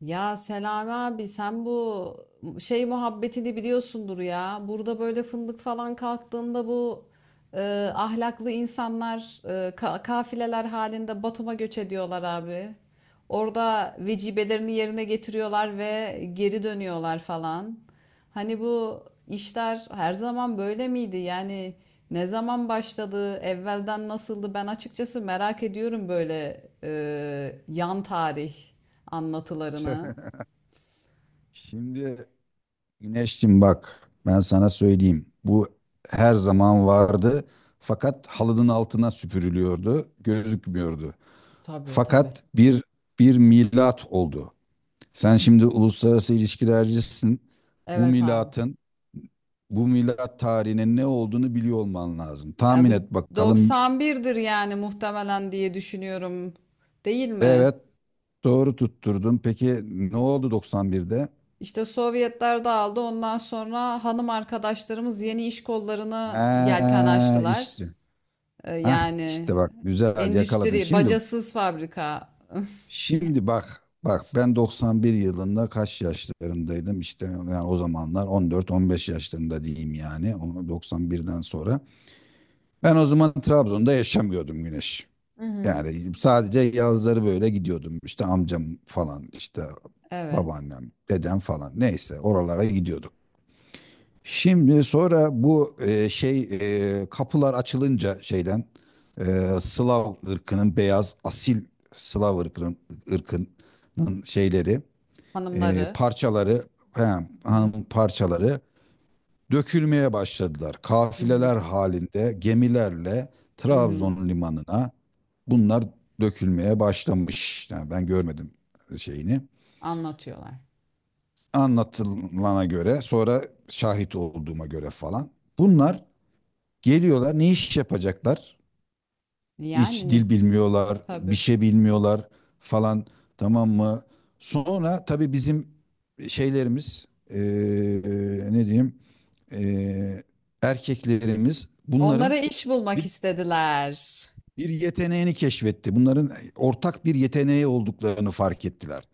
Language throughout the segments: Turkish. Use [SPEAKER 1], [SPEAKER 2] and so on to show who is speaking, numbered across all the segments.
[SPEAKER 1] Ya Selami abi sen bu şey muhabbetini biliyorsundur ya. Burada böyle fındık falan kalktığında bu e, ahlaklı insanlar kafileler halinde Batum'a göç ediyorlar abi. Orada vecibelerini yerine getiriyorlar ve geri dönüyorlar falan. Hani bu işler her zaman böyle miydi? Yani ne zaman başladı, evvelden nasıldı? Ben açıkçası merak ediyorum böyle yan tarih anlatılarını.
[SPEAKER 2] Şimdi Güneşciğim, bak ben sana söyleyeyim. Bu her zaman vardı fakat halının altına süpürülüyordu, gözükmüyordu.
[SPEAKER 1] Tabii tabii.
[SPEAKER 2] Fakat bir milat oldu. Sen şimdi uluslararası ilişkilercisin. Bu
[SPEAKER 1] Evet abi.
[SPEAKER 2] milatın, bu milat tarihinin ne olduğunu biliyor olman lazım.
[SPEAKER 1] Ya
[SPEAKER 2] Tahmin
[SPEAKER 1] bir
[SPEAKER 2] et bakalım.
[SPEAKER 1] 91'dir yani muhtemelen diye düşünüyorum, değil mi?
[SPEAKER 2] Evet, doğru tutturdun. Peki ne oldu 91'de?
[SPEAKER 1] İşte Sovyetler dağıldı. Ondan sonra hanım arkadaşlarımız yeni iş kollarına yelken
[SPEAKER 2] He
[SPEAKER 1] açtılar.
[SPEAKER 2] işte. Ah işte
[SPEAKER 1] Yani
[SPEAKER 2] bak, güzel yakaladın.
[SPEAKER 1] endüstri,
[SPEAKER 2] Şimdi
[SPEAKER 1] bacasız fabrika.
[SPEAKER 2] Şimdi bak ben 91 yılında kaç yaşlarındaydım, işte yani o zamanlar 14-15 yaşlarında diyeyim, yani onu 91'den sonra. Ben o zaman Trabzon'da yaşamıyordum Güneş.
[SPEAKER 1] Hı hı.
[SPEAKER 2] Yani sadece yazları böyle gidiyordum işte, amcam falan işte
[SPEAKER 1] Evet.
[SPEAKER 2] babaannem dedem falan, neyse oralara gidiyorduk. Şimdi sonra bu şey kapılar açılınca, şeyden Slav ırkının beyaz asil Slav ırkının, ırkının şeyleri,
[SPEAKER 1] Hanımları.
[SPEAKER 2] parçaları, he,
[SPEAKER 1] Hı hı.
[SPEAKER 2] hanım parçaları dökülmeye başladılar.
[SPEAKER 1] Hı hı.
[SPEAKER 2] Kafileler halinde gemilerle
[SPEAKER 1] Hı hı.
[SPEAKER 2] Trabzon limanına bunlar dökülmeye başlamış. Yani ben görmedim şeyini.
[SPEAKER 1] Anlatıyorlar.
[SPEAKER 2] Anlatılana göre, sonra şahit olduğuma göre falan.
[SPEAKER 1] Hı hı.
[SPEAKER 2] Bunlar geliyorlar, ne iş yapacaklar? Hiç
[SPEAKER 1] Yani ne?
[SPEAKER 2] dil bilmiyorlar, bir
[SPEAKER 1] Tabii.
[SPEAKER 2] şey bilmiyorlar falan, tamam mı? Sonra tabii bizim şeylerimiz ne diyeyim, eee, erkeklerimiz bunların
[SPEAKER 1] Onlara iş bulmak
[SPEAKER 2] bir,
[SPEAKER 1] istediler.
[SPEAKER 2] bir yeteneğini keşfetti. Bunların ortak bir yeteneği olduklarını fark ettiler.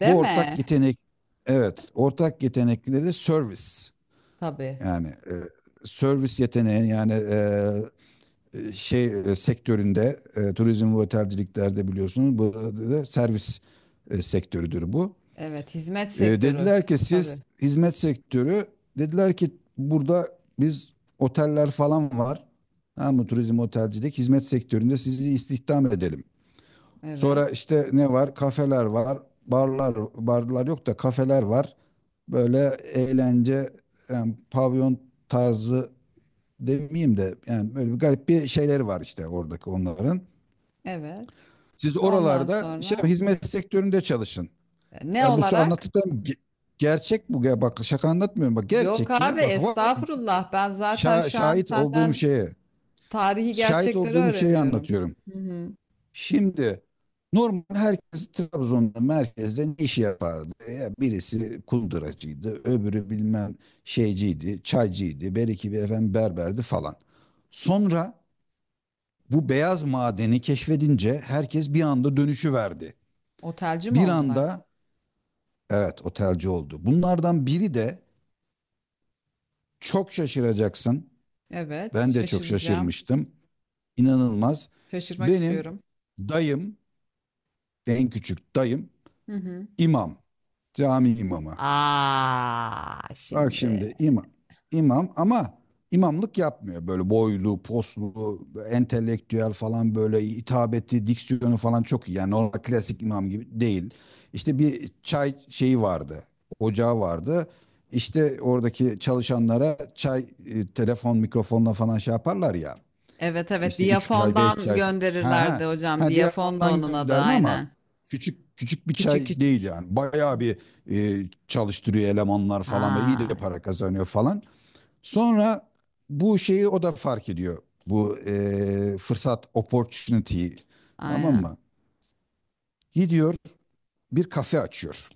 [SPEAKER 1] Değil
[SPEAKER 2] Bu ortak
[SPEAKER 1] mi?
[SPEAKER 2] yetenek, evet, ortak yetenekleri de servis,
[SPEAKER 1] Tabii.
[SPEAKER 2] yani servis yeteneği, yani şey sektöründe, turizm ve otelciliklerde biliyorsunuz, bu da servis sektörüdür bu.
[SPEAKER 1] Evet. Hizmet
[SPEAKER 2] E,
[SPEAKER 1] sektörü.
[SPEAKER 2] dediler ki
[SPEAKER 1] Tabii.
[SPEAKER 2] siz hizmet sektörü, dediler ki burada biz, oteller falan var. Tamam mı? Turizm, otelcilik, hizmet sektöründe sizi istihdam edelim.
[SPEAKER 1] Evet.
[SPEAKER 2] Sonra işte ne var? Kafeler var, barlar, barlar yok da kafeler var. Böyle eğlence, yani pavyon tarzı demeyeyim de yani böyle bir garip bir şeyleri var işte oradaki onların.
[SPEAKER 1] Evet.
[SPEAKER 2] Siz
[SPEAKER 1] Ve ondan
[SPEAKER 2] oralarda şey,
[SPEAKER 1] sonra
[SPEAKER 2] hizmet sektöründe çalışın.
[SPEAKER 1] ne olarak?
[SPEAKER 2] Anlattıklarım gerçek bu. Ya bak, şaka anlatmıyorum. Bak
[SPEAKER 1] Yok
[SPEAKER 2] gerçek
[SPEAKER 1] abi
[SPEAKER 2] ya. Bak
[SPEAKER 1] estağfurullah. Ben zaten şu an
[SPEAKER 2] şahit olduğum
[SPEAKER 1] senden
[SPEAKER 2] şeye.
[SPEAKER 1] tarihi
[SPEAKER 2] Şahit
[SPEAKER 1] gerçekleri
[SPEAKER 2] olduğum şeyi
[SPEAKER 1] öğreniyorum.
[SPEAKER 2] anlatıyorum.
[SPEAKER 1] Hı hı.
[SPEAKER 2] Şimdi normal herkes Trabzon'da merkezde ne iş yapardı? Ya birisi kunduracıydı, öbürü bilmem şeyciydi, çaycıydı, beriki bir efendim berberdi falan. Sonra bu beyaz madeni keşfedince, herkes bir anda dönüşü verdi.
[SPEAKER 1] Otelci mi
[SPEAKER 2] Bir
[SPEAKER 1] oldular?
[SPEAKER 2] anda, evet, otelci oldu. Bunlardan biri de, çok şaşıracaksın.
[SPEAKER 1] Evet,
[SPEAKER 2] Ben de çok
[SPEAKER 1] şaşıracağım.
[SPEAKER 2] şaşırmıştım. İnanılmaz.
[SPEAKER 1] Şaşırmak
[SPEAKER 2] Benim
[SPEAKER 1] istiyorum.
[SPEAKER 2] dayım, en küçük dayım,
[SPEAKER 1] Hı hı.
[SPEAKER 2] imam, cami imamı.
[SPEAKER 1] Aa
[SPEAKER 2] Bak
[SPEAKER 1] şimdi.
[SPEAKER 2] şimdi imam. İmam ama imamlık yapmıyor. Böyle boylu poslu, entelektüel falan, böyle hitabeti, diksiyonu falan çok iyi. Yani normal klasik imam gibi değil. İşte bir çay şeyi vardı. Ocağı vardı. İşte oradaki çalışanlara çay, telefon, mikrofonla falan şey yaparlar ya.
[SPEAKER 1] Evet evet,
[SPEAKER 2] İşte 3 çay, 5
[SPEAKER 1] Diyafon'dan
[SPEAKER 2] çay. Ha
[SPEAKER 1] gönderirlerdi
[SPEAKER 2] ha.
[SPEAKER 1] hocam.
[SPEAKER 2] Ha, diğer
[SPEAKER 1] Diyafon da
[SPEAKER 2] fondan
[SPEAKER 1] onun adı
[SPEAKER 2] gönderme ama
[SPEAKER 1] aynen.
[SPEAKER 2] küçük küçük bir
[SPEAKER 1] Küçük
[SPEAKER 2] çay
[SPEAKER 1] küçük.
[SPEAKER 2] değil yani.
[SPEAKER 1] Hı.
[SPEAKER 2] Bayağı bir çalıştırıyor, elemanlar falan, ve iyi de
[SPEAKER 1] Ha,
[SPEAKER 2] para kazanıyor falan. Sonra bu şeyi o da fark ediyor. Bu fırsat opportunity'yi, tamam
[SPEAKER 1] aynen.
[SPEAKER 2] mı? Gidiyor, bir kafe açıyor.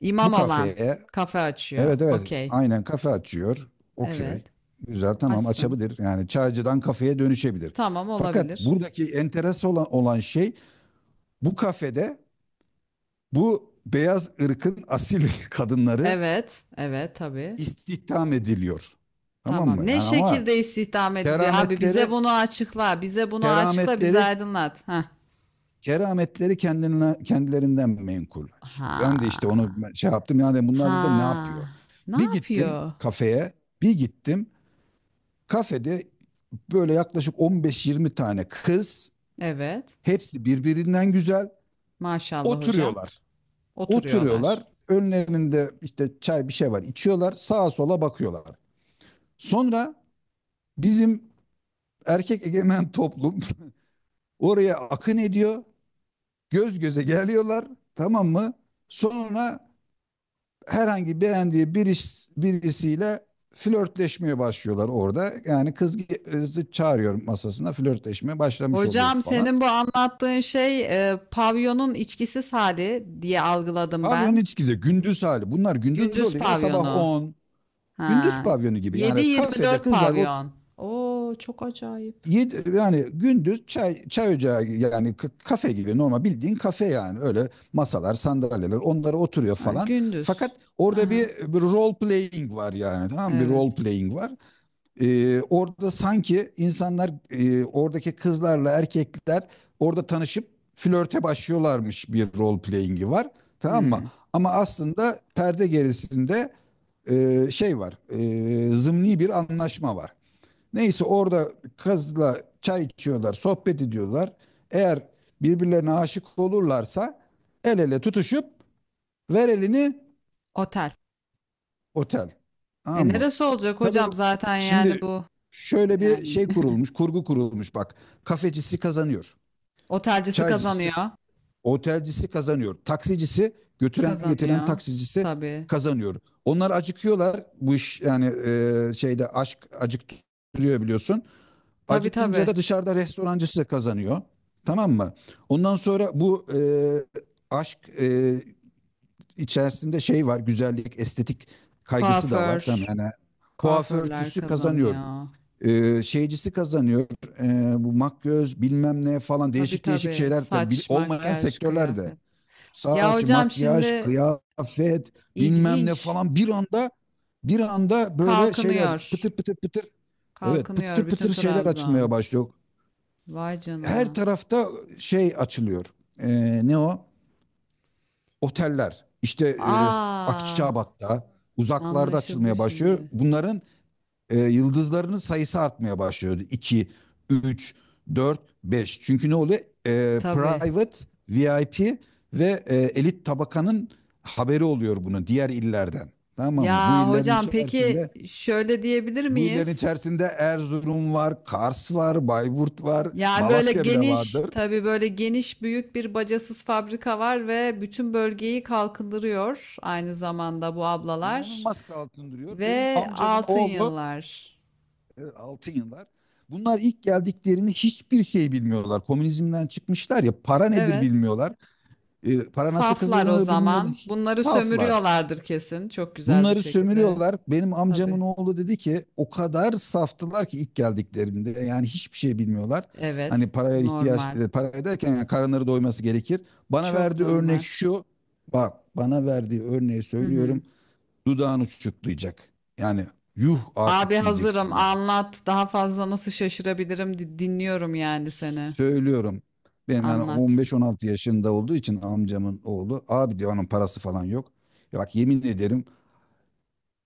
[SPEAKER 1] İmam
[SPEAKER 2] Bu
[SPEAKER 1] olan
[SPEAKER 2] kafeye,
[SPEAKER 1] kafe açıyor.
[SPEAKER 2] evet evet
[SPEAKER 1] Okey.
[SPEAKER 2] aynen, kafe açıyor. Okey.
[SPEAKER 1] Evet.
[SPEAKER 2] Güzel, tamam,
[SPEAKER 1] Açsın.
[SPEAKER 2] açabilir. Yani çaycıdan kafeye dönüşebilir.
[SPEAKER 1] Tamam
[SPEAKER 2] Fakat
[SPEAKER 1] olabilir.
[SPEAKER 2] buradaki enteres olan şey, bu kafede bu beyaz ırkın asil kadınları
[SPEAKER 1] Evet. Evet tabii.
[SPEAKER 2] istihdam ediliyor. Tamam mı?
[SPEAKER 1] Tamam.
[SPEAKER 2] Yani
[SPEAKER 1] Ne
[SPEAKER 2] ama
[SPEAKER 1] şekilde istihdam ediliyor abi? Bize
[SPEAKER 2] kerametleri
[SPEAKER 1] bunu açıkla. Bize bunu açıkla. Bizi
[SPEAKER 2] kerametleri
[SPEAKER 1] aydınlat. Heh.
[SPEAKER 2] kerametleri kendilerinden menkul. Ben de işte onu
[SPEAKER 1] Ha.
[SPEAKER 2] şey yaptım. Yani bunlar burada ne
[SPEAKER 1] Ha.
[SPEAKER 2] yapıyor?
[SPEAKER 1] Ne
[SPEAKER 2] Bir gittim
[SPEAKER 1] yapıyor?
[SPEAKER 2] kafeye, bir gittim. Kafede böyle yaklaşık 15-20 tane kız,
[SPEAKER 1] Evet.
[SPEAKER 2] hepsi birbirinden güzel,
[SPEAKER 1] Maşallah hocam.
[SPEAKER 2] oturuyorlar. Oturuyorlar.
[SPEAKER 1] Oturuyorlar.
[SPEAKER 2] Önlerinde işte çay, bir şey var, içiyorlar. Sağa sola bakıyorlar. Sonra bizim erkek egemen toplum oraya akın ediyor. Göz göze geliyorlar. Tamam mı? Sonra herhangi beğendiği bir birisiyle flörtleşmeye başlıyorlar orada. Yani kız kızı çağırıyor masasına, flörtleşme başlamış oluyor
[SPEAKER 1] Hocam
[SPEAKER 2] falan.
[SPEAKER 1] senin bu anlattığın şey pavyonun içkisiz hali diye algıladım
[SPEAKER 2] Pavyonun
[SPEAKER 1] ben.
[SPEAKER 2] içkisi gündüz hali. Bunlar gündüz
[SPEAKER 1] Gündüz
[SPEAKER 2] oluyor ya, sabah
[SPEAKER 1] pavyonu.
[SPEAKER 2] on. Gündüz
[SPEAKER 1] Ha,
[SPEAKER 2] pavyonu gibi. Yani kafede
[SPEAKER 1] 7-24
[SPEAKER 2] kızlar
[SPEAKER 1] pavyon. Oo çok acayip.
[SPEAKER 2] yedi, yani gündüz çay ocağı, yani kafe gibi, normal bildiğin kafe, yani öyle masalar, sandalyeler, onlara oturuyor
[SPEAKER 1] Ha,
[SPEAKER 2] falan,
[SPEAKER 1] gündüz.
[SPEAKER 2] fakat orada bir,
[SPEAKER 1] Aha,
[SPEAKER 2] bir role playing var yani, tamam mı? Bir role
[SPEAKER 1] evet.
[SPEAKER 2] playing var. Orada sanki insanlar, oradaki kızlarla erkekler orada tanışıp flörte başlıyorlarmış, bir role playing'i var, tamam mı,
[SPEAKER 1] Hmm,
[SPEAKER 2] ama aslında perde gerisinde şey var, zımni bir anlaşma var. Neyse, orada kızla çay içiyorlar, sohbet ediyorlar. Eğer birbirlerine aşık olurlarsa, el ele tutuşup, ver elini
[SPEAKER 1] otel.
[SPEAKER 2] otel.
[SPEAKER 1] E
[SPEAKER 2] Tamam mı?
[SPEAKER 1] neresi olacak
[SPEAKER 2] Tabii
[SPEAKER 1] hocam zaten yani
[SPEAKER 2] şimdi
[SPEAKER 1] bu
[SPEAKER 2] şöyle bir
[SPEAKER 1] yani
[SPEAKER 2] şey kurulmuş, kurgu kurulmuş bak. Kafecisi kazanıyor.
[SPEAKER 1] otelcisi
[SPEAKER 2] Çaycısı,
[SPEAKER 1] kazanıyor.
[SPEAKER 2] otelcisi kazanıyor. Taksicisi, götüren getiren
[SPEAKER 1] Kazanıyor.
[SPEAKER 2] taksicisi
[SPEAKER 1] Tabii.
[SPEAKER 2] kazanıyor. Onlar acıkıyorlar. Bu iş yani, şeyde, aşk acıktırıyor biliyorsun.
[SPEAKER 1] Tabii
[SPEAKER 2] Acıkınca
[SPEAKER 1] tabii.
[SPEAKER 2] da dışarıda restorancı size kazanıyor. Tamam mı? Ondan sonra bu aşk içerisinde şey var. Güzellik, estetik kaygısı da var.
[SPEAKER 1] Kuaför.
[SPEAKER 2] Tamam yani,
[SPEAKER 1] Kuaförler
[SPEAKER 2] kuaförcüsü kazanıyor.
[SPEAKER 1] kazanıyor.
[SPEAKER 2] Şeycisi kazanıyor. Bu makyöz bilmem ne falan,
[SPEAKER 1] Tabii
[SPEAKER 2] değişik değişik
[SPEAKER 1] tabii.
[SPEAKER 2] şeyler de,
[SPEAKER 1] Saç,
[SPEAKER 2] olmayan
[SPEAKER 1] makyaj,
[SPEAKER 2] sektörlerde.
[SPEAKER 1] kıyafet. Ya
[SPEAKER 2] Saç,
[SPEAKER 1] hocam
[SPEAKER 2] makyaj,
[SPEAKER 1] şimdi
[SPEAKER 2] kıyafet bilmem ne
[SPEAKER 1] ilginç.
[SPEAKER 2] falan, bir anda böyle şeyler pıtır
[SPEAKER 1] Kalkınıyor.
[SPEAKER 2] pıtır pıtır. Evet, pıtır
[SPEAKER 1] Kalkınıyor bütün
[SPEAKER 2] pıtır şeyler açılmaya
[SPEAKER 1] Trabzon.
[SPEAKER 2] başlıyor
[SPEAKER 1] Vay
[SPEAKER 2] her
[SPEAKER 1] canına.
[SPEAKER 2] tarafta, şey açılıyor. Ne o? Oteller. İşte
[SPEAKER 1] Aa,
[SPEAKER 2] Akçabat'ta, uzaklarda
[SPEAKER 1] anlaşıldı
[SPEAKER 2] açılmaya başlıyor.
[SPEAKER 1] şimdi.
[SPEAKER 2] Bunların yıldızlarının sayısı artmaya başlıyor. 2, 3, 4, 5. Çünkü ne oluyor?
[SPEAKER 1] Tabii.
[SPEAKER 2] Private, VIP ve elit tabakanın haberi oluyor bunu, diğer illerden. Tamam mı? Bu
[SPEAKER 1] Ya
[SPEAKER 2] illerin
[SPEAKER 1] hocam peki
[SPEAKER 2] içerisinde
[SPEAKER 1] şöyle diyebilir
[SPEAKER 2] bu illerin
[SPEAKER 1] miyiz?
[SPEAKER 2] içerisinde Erzurum var, Kars var, Bayburt var,
[SPEAKER 1] Yani böyle
[SPEAKER 2] Malatya bile
[SPEAKER 1] geniş,
[SPEAKER 2] vardır.
[SPEAKER 1] tabii böyle geniş büyük bir bacasız fabrika var ve bütün bölgeyi kalkındırıyor aynı zamanda bu ablalar
[SPEAKER 2] İnanılmaz altın duruyor. Benim
[SPEAKER 1] ve
[SPEAKER 2] amcamın
[SPEAKER 1] altın
[SPEAKER 2] oğlu,
[SPEAKER 1] yıllar.
[SPEAKER 2] altın yıllar. Bunlar ilk geldiklerini hiçbir şey bilmiyorlar. Komünizmden çıkmışlar ya, para nedir
[SPEAKER 1] Evet.
[SPEAKER 2] bilmiyorlar. Para nasıl
[SPEAKER 1] Saflar o
[SPEAKER 2] kazanılır
[SPEAKER 1] zaman.
[SPEAKER 2] bilmiyorlar.
[SPEAKER 1] Bunları
[SPEAKER 2] Saflar.
[SPEAKER 1] sömürüyorlardır kesin çok güzel bir
[SPEAKER 2] Bunları
[SPEAKER 1] şekilde.
[SPEAKER 2] sömürüyorlar. Benim
[SPEAKER 1] Tabii.
[SPEAKER 2] amcamın oğlu dedi ki, o kadar saftılar ki ilk geldiklerinde yani, hiçbir şey bilmiyorlar.
[SPEAKER 1] Evet.
[SPEAKER 2] Hani paraya ihtiyaç,
[SPEAKER 1] Normal.
[SPEAKER 2] para derken yani karınları doyması gerekir. Bana
[SPEAKER 1] Çok
[SPEAKER 2] verdiği örnek
[SPEAKER 1] normal.
[SPEAKER 2] şu. Bak bana verdiği örneği
[SPEAKER 1] Hı hı.
[SPEAKER 2] söylüyorum, dudağını uçuklayacak. Yani, yuh
[SPEAKER 1] Abi
[SPEAKER 2] artık
[SPEAKER 1] hazırım.
[SPEAKER 2] diyeceksin yani.
[SPEAKER 1] Anlat. Daha fazla nasıl şaşırabilirim? Dinliyorum yani seni.
[SPEAKER 2] Söylüyorum. Ben yani
[SPEAKER 1] Anlat.
[SPEAKER 2] 15-16 yaşında olduğu için amcamın oğlu abi, diyor onun parası falan yok. Ya bak, yemin ederim,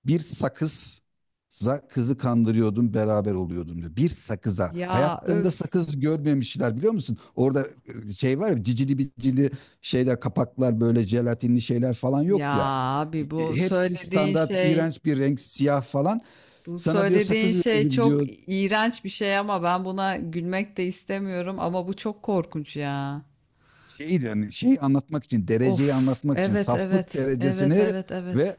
[SPEAKER 2] bir sakızza kızı kandırıyordum, beraber oluyordum diyor. Bir sakıza.
[SPEAKER 1] Ya
[SPEAKER 2] Hayatlarında
[SPEAKER 1] öf.
[SPEAKER 2] sakız görmemişler, biliyor musun? Orada şey var ya, cicili bicili şeyler, kapaklar, böyle jelatinli şeyler falan
[SPEAKER 1] Ya
[SPEAKER 2] yok ya.
[SPEAKER 1] abi
[SPEAKER 2] Hepsi standart iğrenç bir renk, siyah falan.
[SPEAKER 1] bu
[SPEAKER 2] Sana diyor,
[SPEAKER 1] söylediğin
[SPEAKER 2] sakız
[SPEAKER 1] şey
[SPEAKER 2] veririm
[SPEAKER 1] çok
[SPEAKER 2] diyor.
[SPEAKER 1] iğrenç bir şey ama ben buna gülmek de istemiyorum ama bu çok korkunç ya.
[SPEAKER 2] Şeyi anlatmak için,
[SPEAKER 1] Of.
[SPEAKER 2] dereceyi anlatmak için,
[SPEAKER 1] Evet,
[SPEAKER 2] saflık
[SPEAKER 1] evet. Evet,
[SPEAKER 2] derecesini
[SPEAKER 1] evet, evet.
[SPEAKER 2] ve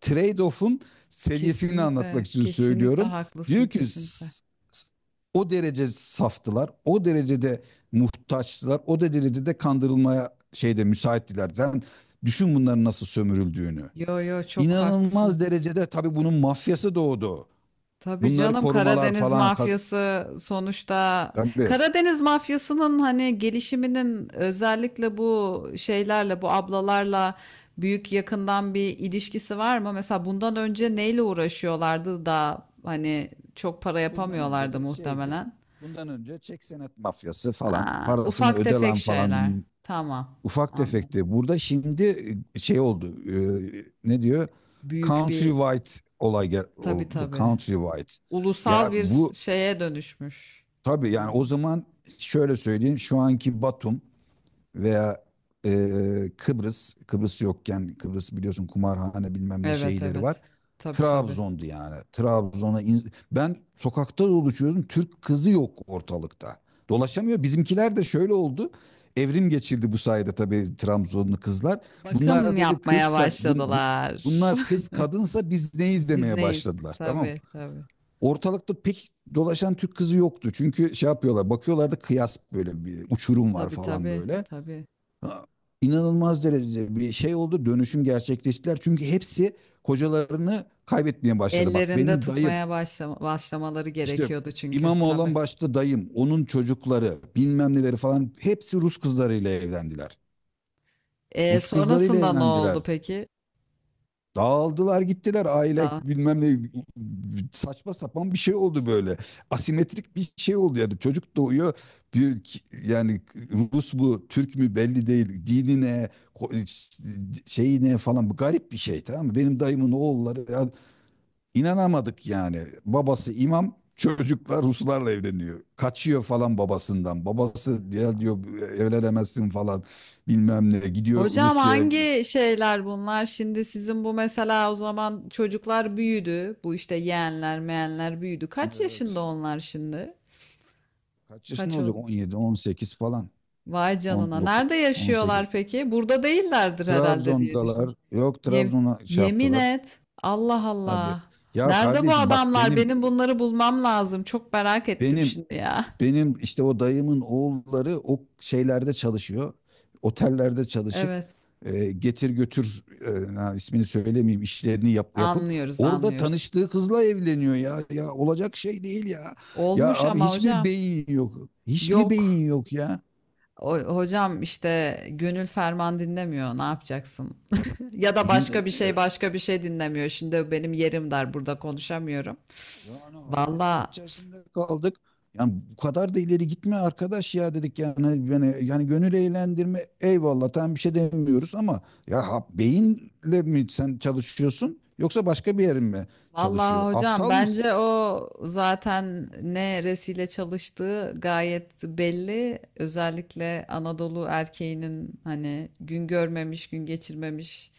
[SPEAKER 2] trade-off'un seviyesini
[SPEAKER 1] Kesinlikle,
[SPEAKER 2] anlatmak için
[SPEAKER 1] kesinlikle
[SPEAKER 2] söylüyorum.
[SPEAKER 1] haklısın
[SPEAKER 2] Diyor ki,
[SPEAKER 1] kesinlikle.
[SPEAKER 2] s- o derece saftılar, o derecede muhtaçtılar, o derecede kandırılmaya şeyde müsaittiler. Sen düşün bunların nasıl sömürüldüğünü.
[SPEAKER 1] Yo yo çok haklısın.
[SPEAKER 2] İnanılmaz derecede tabii bunun mafyası doğdu.
[SPEAKER 1] Tabii
[SPEAKER 2] Bunları
[SPEAKER 1] canım
[SPEAKER 2] korumalar
[SPEAKER 1] Karadeniz
[SPEAKER 2] falan
[SPEAKER 1] mafyası sonuçta.
[SPEAKER 2] tabii.
[SPEAKER 1] Karadeniz mafyasının hani gelişiminin özellikle bu şeylerle bu ablalarla büyük yakından bir ilişkisi var mı? Mesela bundan önce neyle uğraşıyorlardı da hani çok para
[SPEAKER 2] Bundan önce
[SPEAKER 1] yapamıyorlardı
[SPEAKER 2] de şeydi.
[SPEAKER 1] muhtemelen.
[SPEAKER 2] Bundan önce çek senet mafyası falan,
[SPEAKER 1] Ha,
[SPEAKER 2] parasını
[SPEAKER 1] ufak
[SPEAKER 2] öde
[SPEAKER 1] tefek
[SPEAKER 2] lan falan
[SPEAKER 1] şeyler.
[SPEAKER 2] bilmem.
[SPEAKER 1] Tamam.
[SPEAKER 2] Ufak
[SPEAKER 1] Anladım.
[SPEAKER 2] tefekti. Burada şimdi şey oldu. Ne diyor?
[SPEAKER 1] Büyük bir,
[SPEAKER 2] Countrywide olay
[SPEAKER 1] tabii
[SPEAKER 2] oldu.
[SPEAKER 1] tabii.
[SPEAKER 2] Countrywide.
[SPEAKER 1] Ulusal
[SPEAKER 2] Ya
[SPEAKER 1] bir
[SPEAKER 2] bu
[SPEAKER 1] şeye dönüşmüş.
[SPEAKER 2] tabii, yani o
[SPEAKER 1] Yani.
[SPEAKER 2] zaman şöyle söyleyeyim. Şu anki Batum veya e, Kıbrıs, yokken, Kıbrıs biliyorsun, kumarhane bilmem ne
[SPEAKER 1] Evet
[SPEAKER 2] şeyleri var.
[SPEAKER 1] evet. Tabii tabii.
[SPEAKER 2] Trabzon'du yani. Trabzon'a ben sokakta dolaşıyordum. Türk kızı yok ortalıkta. Dolaşamıyor. Bizimkiler de şöyle oldu. Evrim geçirdi bu sayede tabii, Trabzonlu kızlar.
[SPEAKER 1] Bakım
[SPEAKER 2] Bunlar dedi,
[SPEAKER 1] yapmaya
[SPEAKER 2] kızsak
[SPEAKER 1] başladılar.
[SPEAKER 2] bunlar, kız kadınsa biz neyiz,
[SPEAKER 1] Biz
[SPEAKER 2] demeye
[SPEAKER 1] neyiz?
[SPEAKER 2] başladılar. Tamam mı?
[SPEAKER 1] Tabii tabii.
[SPEAKER 2] Ortalıkta pek dolaşan Türk kızı yoktu. Çünkü şey yapıyorlar, bakıyorlar da kıyas, böyle bir uçurum var
[SPEAKER 1] Tabii
[SPEAKER 2] falan
[SPEAKER 1] tabii
[SPEAKER 2] böyle.
[SPEAKER 1] tabii.
[SPEAKER 2] Ha, inanılmaz derecede bir şey oldu. Dönüşüm gerçekleştiler. Çünkü hepsi kocalarını kaybetmeye başladı. Bak
[SPEAKER 1] Ellerinde
[SPEAKER 2] benim dayım,
[SPEAKER 1] tutmaya başlamaları
[SPEAKER 2] işte
[SPEAKER 1] gerekiyordu çünkü
[SPEAKER 2] İmamoğlu
[SPEAKER 1] tabii.
[SPEAKER 2] olan başta dayım, onun çocukları, bilmem neleri falan, hepsi Rus kızlarıyla evlendiler. Rus kızlarıyla
[SPEAKER 1] Sonrasında ne
[SPEAKER 2] evlendiler.
[SPEAKER 1] oldu peki?
[SPEAKER 2] Dağıldılar, gittiler, aile
[SPEAKER 1] Daha.
[SPEAKER 2] bilmem ne, saçma sapan bir şey oldu böyle. Asimetrik bir şey oldu yani, çocuk doğuyor bir, yani Rus mu Türk mü belli değil, dini ne, şeyi ne falan, bu garip bir şey, tamam mı? Benim dayımın oğulları ya, inanamadık yani, babası imam, çocuklar Ruslarla evleniyor. Kaçıyor falan babasından, babası ya diyor evlenemezsin falan bilmem ne, gidiyor
[SPEAKER 1] Hocam
[SPEAKER 2] Rusya'ya.
[SPEAKER 1] hangi şeyler bunlar? Şimdi sizin bu mesela o zaman çocuklar büyüdü. Bu işte yeğenler, meğenler büyüdü. Kaç yaşında
[SPEAKER 2] Evet.
[SPEAKER 1] onlar şimdi?
[SPEAKER 2] Kaç yaşında
[SPEAKER 1] Kaç
[SPEAKER 2] olacak?
[SPEAKER 1] oldu?
[SPEAKER 2] 17, 18 falan.
[SPEAKER 1] Vay canına. Nerede
[SPEAKER 2] 19, 18.
[SPEAKER 1] yaşıyorlar peki? Burada değillerdir herhalde diye düşün.
[SPEAKER 2] Trabzon'dalar. Yok,
[SPEAKER 1] Yem-
[SPEAKER 2] Trabzon'a şey
[SPEAKER 1] yemin
[SPEAKER 2] yaptılar.
[SPEAKER 1] et. Allah
[SPEAKER 2] Tabii.
[SPEAKER 1] Allah.
[SPEAKER 2] Ya
[SPEAKER 1] Nerede bu
[SPEAKER 2] kardeşim, bak
[SPEAKER 1] adamlar? Benim bunları bulmam lazım. Çok merak ettim
[SPEAKER 2] benim
[SPEAKER 1] şimdi ya.
[SPEAKER 2] benim işte o dayımın oğulları o şeylerde çalışıyor. Otellerde çalışıp,
[SPEAKER 1] Evet.
[SPEAKER 2] getir götür, ha, ismini söylemeyeyim, işlerini yapıp,
[SPEAKER 1] Anlıyoruz,
[SPEAKER 2] orada
[SPEAKER 1] anlıyoruz.
[SPEAKER 2] tanıştığı kızla evleniyor ya. Ya olacak şey değil ya. Ya
[SPEAKER 1] Olmuş
[SPEAKER 2] abi,
[SPEAKER 1] ama
[SPEAKER 2] hiç mi
[SPEAKER 1] hocam.
[SPEAKER 2] beyin yok? Hiç mi
[SPEAKER 1] Yok.
[SPEAKER 2] beyin yok ya?
[SPEAKER 1] Hocam işte gönül ferman dinlemiyor. Ne yapacaksın? Ya da
[SPEAKER 2] İn- e,
[SPEAKER 1] başka bir şey dinlemiyor. Şimdi benim yerim dar burada konuşamıyorum.
[SPEAKER 2] Yani hayretler
[SPEAKER 1] Valla,
[SPEAKER 2] içerisinde kaldık. Yani bu kadar da ileri gitme arkadaş ya, dedik yani, yani gönül eğlendirme, eyvallah, tam bir şey demiyoruz ama ya, beyinle mi sen çalışıyorsun yoksa başka bir yerin mi çalışıyor?
[SPEAKER 1] vallahi hocam
[SPEAKER 2] Aptal mısın?
[SPEAKER 1] bence o zaten ne resile çalıştığı gayet belli. Özellikle Anadolu erkeğinin hani gün görmemiş, gün geçirmemiş.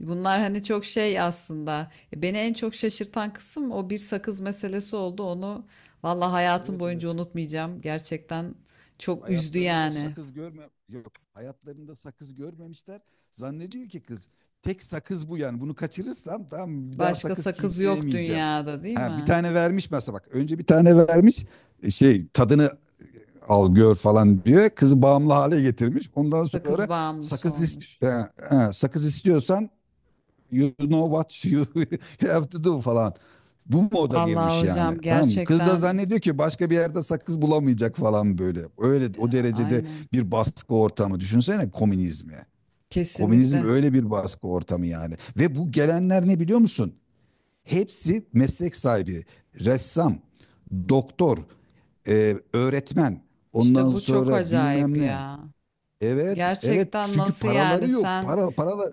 [SPEAKER 1] Bunlar hani çok şey aslında. Beni en çok şaşırtan kısım o bir sakız meselesi oldu. Onu vallahi hayatım
[SPEAKER 2] Evet,
[SPEAKER 1] boyunca
[SPEAKER 2] evet.
[SPEAKER 1] unutmayacağım. Gerçekten çok üzdü
[SPEAKER 2] Hayatlarında
[SPEAKER 1] yani.
[SPEAKER 2] sakız görme yok. Hayatlarında sakız görmemişler. Zannediyor ki kız, tek sakız bu yani. Bunu kaçırırsam tamam, bir daha
[SPEAKER 1] Başka
[SPEAKER 2] sakız
[SPEAKER 1] sakız yok
[SPEAKER 2] çiğneyemeyeceğim.
[SPEAKER 1] dünyada değil
[SPEAKER 2] Ha, bir
[SPEAKER 1] mi?
[SPEAKER 2] tane vermiş mesela bak. Önce bir tane vermiş, şey, tadını al gör falan diyor. Kızı bağımlı hale getirmiş. Ondan sonra,
[SPEAKER 1] Sakız bağımlısı
[SPEAKER 2] sakız
[SPEAKER 1] olmuş.
[SPEAKER 2] sakız istiyorsan, you know what you have to do falan. Bu moda
[SPEAKER 1] Vallahi
[SPEAKER 2] girmiş yani.
[SPEAKER 1] hocam
[SPEAKER 2] Tamam mı? Kız da
[SPEAKER 1] gerçekten
[SPEAKER 2] zannediyor ki başka bir yerde sakız bulamayacak falan böyle. Öyle o derecede
[SPEAKER 1] aynen.
[SPEAKER 2] bir baskı ortamı. Düşünsene komünizmi. Komünizm
[SPEAKER 1] Kesinlikle.
[SPEAKER 2] öyle bir baskı ortamı yani. Ve bu gelenler ne biliyor musun? Hepsi meslek sahibi, ressam, doktor, öğretmen, ondan
[SPEAKER 1] İşte bu çok
[SPEAKER 2] sonra
[SPEAKER 1] acayip
[SPEAKER 2] bilmem ne.
[SPEAKER 1] ya.
[SPEAKER 2] Evet, evet,
[SPEAKER 1] Gerçekten
[SPEAKER 2] çünkü
[SPEAKER 1] nasıl
[SPEAKER 2] paraları
[SPEAKER 1] yani
[SPEAKER 2] yok.
[SPEAKER 1] sen
[SPEAKER 2] Para, paralar,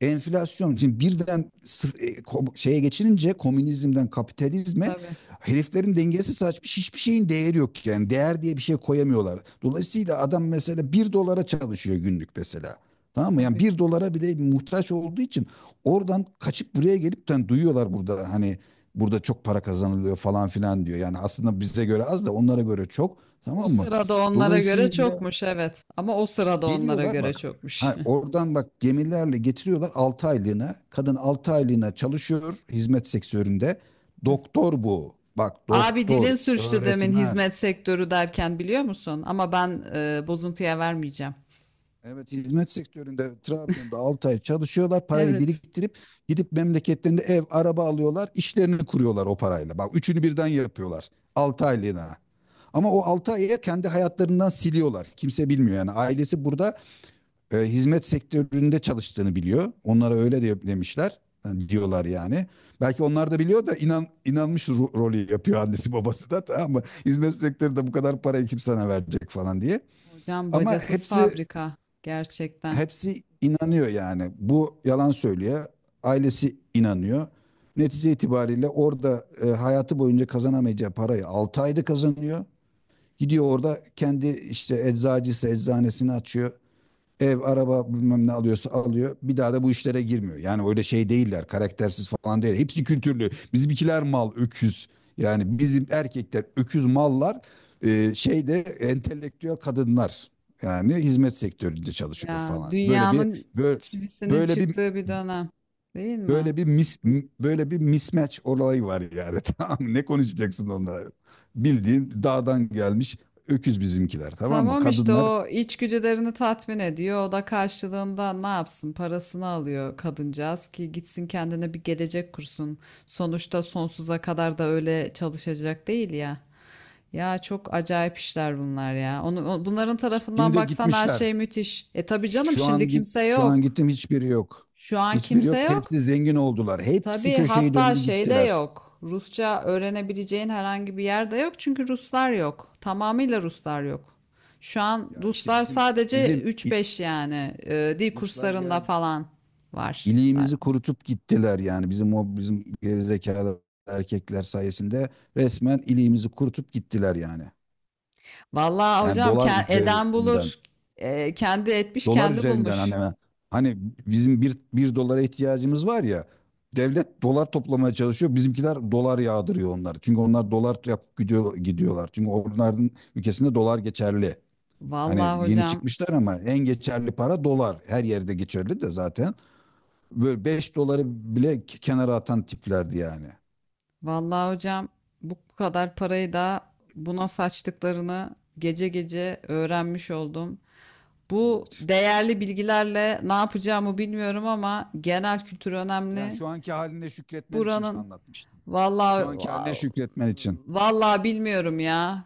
[SPEAKER 2] enflasyon. Şimdi birden şeye geçilince, komünizmden kapitalizme,
[SPEAKER 1] tabii
[SPEAKER 2] heriflerin dengesi saçmış. Hiçbir şeyin değeri yok yani. Değer diye bir şey koyamıyorlar. Dolayısıyla adam mesela 1 dolara çalışıyor günlük mesela. Tamam mı? Yani
[SPEAKER 1] tabii.
[SPEAKER 2] 1 dolara bile muhtaç olduğu için, oradan kaçıp buraya gelip, yani duyuyorlar burada, hani burada çok para kazanılıyor falan filan diyor. Yani aslında bize göre az da onlara göre çok.
[SPEAKER 1] O
[SPEAKER 2] Tamam mı?
[SPEAKER 1] sırada onlara göre
[SPEAKER 2] Dolayısıyla
[SPEAKER 1] çokmuş evet. Ama o sırada onlara
[SPEAKER 2] geliyorlar
[SPEAKER 1] göre
[SPEAKER 2] bak.
[SPEAKER 1] çokmuş.
[SPEAKER 2] Ha, oradan bak, gemilerle getiriyorlar 6 aylığına. Kadın 6 aylığına çalışıyor hizmet sektöründe. Doktor bu. Bak
[SPEAKER 1] Abi
[SPEAKER 2] doktor,
[SPEAKER 1] dilin sürçtü demin
[SPEAKER 2] öğretmen.
[SPEAKER 1] hizmet sektörü derken biliyor musun? Ama ben bozuntuya vermeyeceğim.
[SPEAKER 2] Evet, hizmet sektöründe Trabzon'da 6 ay çalışıyorlar. Parayı
[SPEAKER 1] Evet.
[SPEAKER 2] biriktirip gidip memleketlerinde ev, araba alıyorlar. İşlerini kuruyorlar o parayla. Bak üçünü birden yapıyorlar 6 aylığına. Ama o 6 ayı kendi hayatlarından siliyorlar. Kimse bilmiyor yani. Ailesi burada hizmet sektöründe çalıştığını biliyor. Onlara öyle de demişler. Yani diyorlar yani. Belki onlar da biliyor da, inanmış rolü yapıyor annesi babası da, tamam mı? Hizmet sektöründe bu kadar parayı kim sana verecek falan diye.
[SPEAKER 1] Hocam
[SPEAKER 2] Ama
[SPEAKER 1] bacasız
[SPEAKER 2] hepsi
[SPEAKER 1] fabrika gerçekten.
[SPEAKER 2] hepsi inanıyor yani. Bu yalan söylüyor. Ailesi inanıyor. Netice itibariyle orada hayatı boyunca kazanamayacağı parayı 6 ayda kazanıyor. Gidiyor orada kendi işte eczacısı eczanesini açıyor, ev, araba bilmem ne alıyorsa alıyor. Bir daha da bu işlere girmiyor. Yani öyle şey değiller. Karaktersiz falan değil. Hepsi kültürlü. Bizimkiler mal, öküz. Yani bizim erkekler öküz, mallar. Şeyde entelektüel kadınlar. Yani hizmet sektöründe çalışıyor
[SPEAKER 1] Ya
[SPEAKER 2] falan.
[SPEAKER 1] dünyanın
[SPEAKER 2] Böyle,
[SPEAKER 1] çivisinin
[SPEAKER 2] böyle bir
[SPEAKER 1] çıktığı bir dönem değil mi?
[SPEAKER 2] böyle bir mis, Böyle bir mismatch olayı var yani. Tamam mı? Ne konuşacaksın onlara? Bildiğin dağdan gelmiş öküz bizimkiler, tamam mı?
[SPEAKER 1] Tamam işte
[SPEAKER 2] Kadınlar
[SPEAKER 1] o içgüdülerini tatmin ediyor. O da karşılığında ne yapsın? Parasını alıyor kadıncağız ki gitsin kendine bir gelecek kursun. Sonuçta sonsuza kadar da öyle çalışacak değil ya. Ya çok acayip işler bunlar ya. Onu, bunların tarafından
[SPEAKER 2] şimdi
[SPEAKER 1] baksan her
[SPEAKER 2] gitmişler.
[SPEAKER 1] şey müthiş. E tabii canım
[SPEAKER 2] Şu
[SPEAKER 1] şimdi
[SPEAKER 2] an git
[SPEAKER 1] kimse
[SPEAKER 2] şu an
[SPEAKER 1] yok.
[SPEAKER 2] gittim, hiçbiri yok.
[SPEAKER 1] Şu an
[SPEAKER 2] Hiçbiri
[SPEAKER 1] kimse
[SPEAKER 2] yok.
[SPEAKER 1] yok.
[SPEAKER 2] Hepsi zengin oldular. Hepsi
[SPEAKER 1] Tabii
[SPEAKER 2] köşeyi
[SPEAKER 1] hatta
[SPEAKER 2] döndü
[SPEAKER 1] şey de
[SPEAKER 2] gittiler.
[SPEAKER 1] yok. Rusça öğrenebileceğin herhangi bir yer de yok çünkü Ruslar yok. Tamamıyla Ruslar yok. Şu an
[SPEAKER 2] Ya işte
[SPEAKER 1] Ruslar
[SPEAKER 2] bizim
[SPEAKER 1] sadece
[SPEAKER 2] bizim
[SPEAKER 1] 3-5 yani dil
[SPEAKER 2] Ruslar
[SPEAKER 1] kurslarında
[SPEAKER 2] geldi.
[SPEAKER 1] falan var.
[SPEAKER 2] İliğimizi
[SPEAKER 1] Zaten.
[SPEAKER 2] kurutup gittiler, yani bizim o bizim gerizekalı erkekler sayesinde resmen iliğimizi kurutup gittiler yani.
[SPEAKER 1] Vallahi
[SPEAKER 2] Yani
[SPEAKER 1] hocam
[SPEAKER 2] dolar
[SPEAKER 1] eden
[SPEAKER 2] üzerinden.
[SPEAKER 1] bulur. Kendi etmiş
[SPEAKER 2] Dolar
[SPEAKER 1] kendi
[SPEAKER 2] üzerinden,
[SPEAKER 1] bulmuş.
[SPEAKER 2] hani bizim bir dolara ihtiyacımız var ya, devlet dolar toplamaya çalışıyor. Bizimkiler dolar yağdırıyor onları. Çünkü onlar dolar yapıp gidiyor, gidiyorlar. Çünkü onların ülkesinde dolar geçerli.
[SPEAKER 1] Vallahi
[SPEAKER 2] Hani yeni
[SPEAKER 1] hocam,
[SPEAKER 2] çıkmışlar ama en geçerli para dolar. Her yerde geçerli de zaten. Böyle 5 doları bile kenara atan tiplerdi yani.
[SPEAKER 1] vallahi hocam bu kadar parayı da buna saçtıklarını gece gece öğrenmiş oldum. Bu
[SPEAKER 2] Evet.
[SPEAKER 1] değerli bilgilerle ne yapacağımı bilmiyorum ama genel kültür
[SPEAKER 2] Yani
[SPEAKER 1] önemli.
[SPEAKER 2] şu anki haline şükretmen için
[SPEAKER 1] Buranın
[SPEAKER 2] anlatmıştım. Şu
[SPEAKER 1] vallahi,
[SPEAKER 2] anki haline şükretmen için.
[SPEAKER 1] vallahi bilmiyorum ya.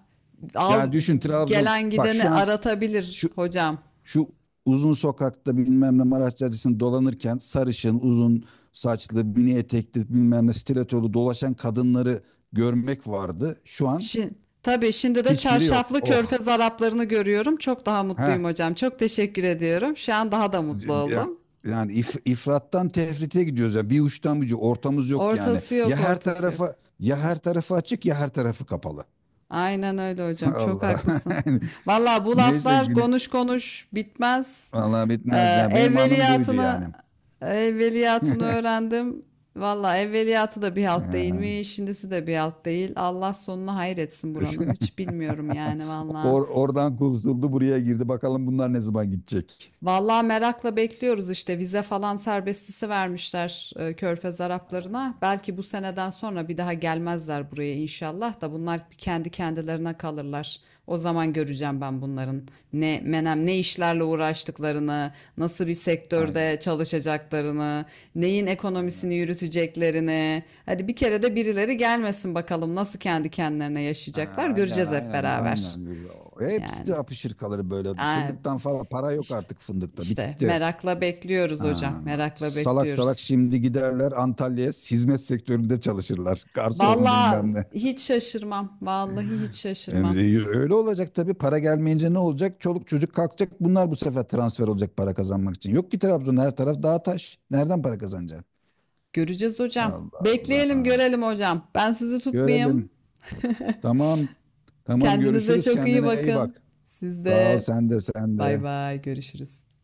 [SPEAKER 1] Al,
[SPEAKER 2] Yani düşün Trabzon.
[SPEAKER 1] gelen
[SPEAKER 2] Bak
[SPEAKER 1] gideni
[SPEAKER 2] şu an,
[SPEAKER 1] aratabilir
[SPEAKER 2] şu
[SPEAKER 1] hocam.
[SPEAKER 2] Şu uzun sokakta, bilmem ne Maraş Caddesi'nde dolanırken, sarışın, uzun saçlı, mini etekli bilmem ne stilettolu dolaşan kadınları görmek vardı. Şu an
[SPEAKER 1] Şimdi tabii şimdi de
[SPEAKER 2] hiçbiri yok.
[SPEAKER 1] çarşaflı
[SPEAKER 2] Oh.
[SPEAKER 1] körfez Araplarını görüyorum. Çok daha
[SPEAKER 2] Heh.
[SPEAKER 1] mutluyum hocam. Çok teşekkür ediyorum. Şu an daha da mutlu
[SPEAKER 2] Yani,
[SPEAKER 1] oldum.
[SPEAKER 2] yani ifrattan tefrite gidiyoruz ya. Bir uçtan bir uca. Ortamız yok yani.
[SPEAKER 1] Ortası
[SPEAKER 2] Ya
[SPEAKER 1] yok,
[SPEAKER 2] her
[SPEAKER 1] ortası yok.
[SPEAKER 2] tarafa, ya her tarafı açık, ya her tarafı kapalı.
[SPEAKER 1] Aynen öyle hocam. Çok
[SPEAKER 2] Allah.
[SPEAKER 1] haklısın. Vallahi bu
[SPEAKER 2] Neyse
[SPEAKER 1] laflar konuş konuş bitmez.
[SPEAKER 2] vallahi bitmez
[SPEAKER 1] Ee,
[SPEAKER 2] ya. Benim anım buydu
[SPEAKER 1] evveliyatını
[SPEAKER 2] yani.
[SPEAKER 1] evveliyatını öğrendim. Valla evveliyatı da bir halt
[SPEAKER 2] Ee,
[SPEAKER 1] değilmiş, şimdisi de bir halt değil. Allah sonuna hayretsin buranın. Hiç bilmiyorum yani valla.
[SPEAKER 2] Oradan kurtuldu, buraya girdi. Bakalım bunlar ne zaman gidecek.
[SPEAKER 1] Vallahi merakla bekliyoruz işte vize falan serbestisi vermişler Körfez
[SPEAKER 2] Ha,
[SPEAKER 1] Araplarına. Belki bu seneden sonra bir daha gelmezler buraya inşallah da bunlar kendi kendilerine kalırlar. O zaman göreceğim ben bunların ne menem ne işlerle uğraştıklarını, nasıl bir
[SPEAKER 2] aynen,
[SPEAKER 1] sektörde çalışacaklarını, neyin ekonomisini
[SPEAKER 2] aynen.
[SPEAKER 1] yürüteceklerini. Hadi bir kere de birileri gelmesin bakalım nasıl kendi kendilerine
[SPEAKER 2] Ha,
[SPEAKER 1] yaşayacaklar
[SPEAKER 2] aynen,
[SPEAKER 1] göreceğiz hep
[SPEAKER 2] aynen,
[SPEAKER 1] beraber.
[SPEAKER 2] aynen. Hepsi
[SPEAKER 1] Yani.
[SPEAKER 2] apışır kalır böyle.
[SPEAKER 1] Aa,
[SPEAKER 2] Fındıktan falan para yok
[SPEAKER 1] işte,
[SPEAKER 2] artık, fındıkta.
[SPEAKER 1] işte
[SPEAKER 2] Bitti.
[SPEAKER 1] merakla bekliyoruz hocam,
[SPEAKER 2] Ha,
[SPEAKER 1] merakla
[SPEAKER 2] salak salak
[SPEAKER 1] bekliyoruz.
[SPEAKER 2] şimdi giderler Antalya'ya, hizmet sektöründe çalışırlar. Garson
[SPEAKER 1] Vallahi
[SPEAKER 2] bilmem ne.
[SPEAKER 1] hiç şaşırmam, vallahi hiç şaşırmam.
[SPEAKER 2] Emre, öyle olacak tabii. Para gelmeyince ne olacak? Çoluk çocuk kalkacak. Bunlar bu sefer transfer olacak, para kazanmak için. Yok ki Trabzon, her taraf dağ taş. Nereden para kazanacak?
[SPEAKER 1] Göreceğiz hocam.
[SPEAKER 2] Allah
[SPEAKER 1] Bekleyelim,
[SPEAKER 2] Allah.
[SPEAKER 1] görelim hocam. Ben sizi tutmayayım.
[SPEAKER 2] Görelim. Tamam. Tamam,
[SPEAKER 1] Kendinize
[SPEAKER 2] görüşürüz.
[SPEAKER 1] çok iyi
[SPEAKER 2] Kendine iyi
[SPEAKER 1] bakın.
[SPEAKER 2] bak.
[SPEAKER 1] Siz
[SPEAKER 2] Sağ ol,
[SPEAKER 1] de
[SPEAKER 2] sen de sen
[SPEAKER 1] bay
[SPEAKER 2] de.
[SPEAKER 1] bay, görüşürüz.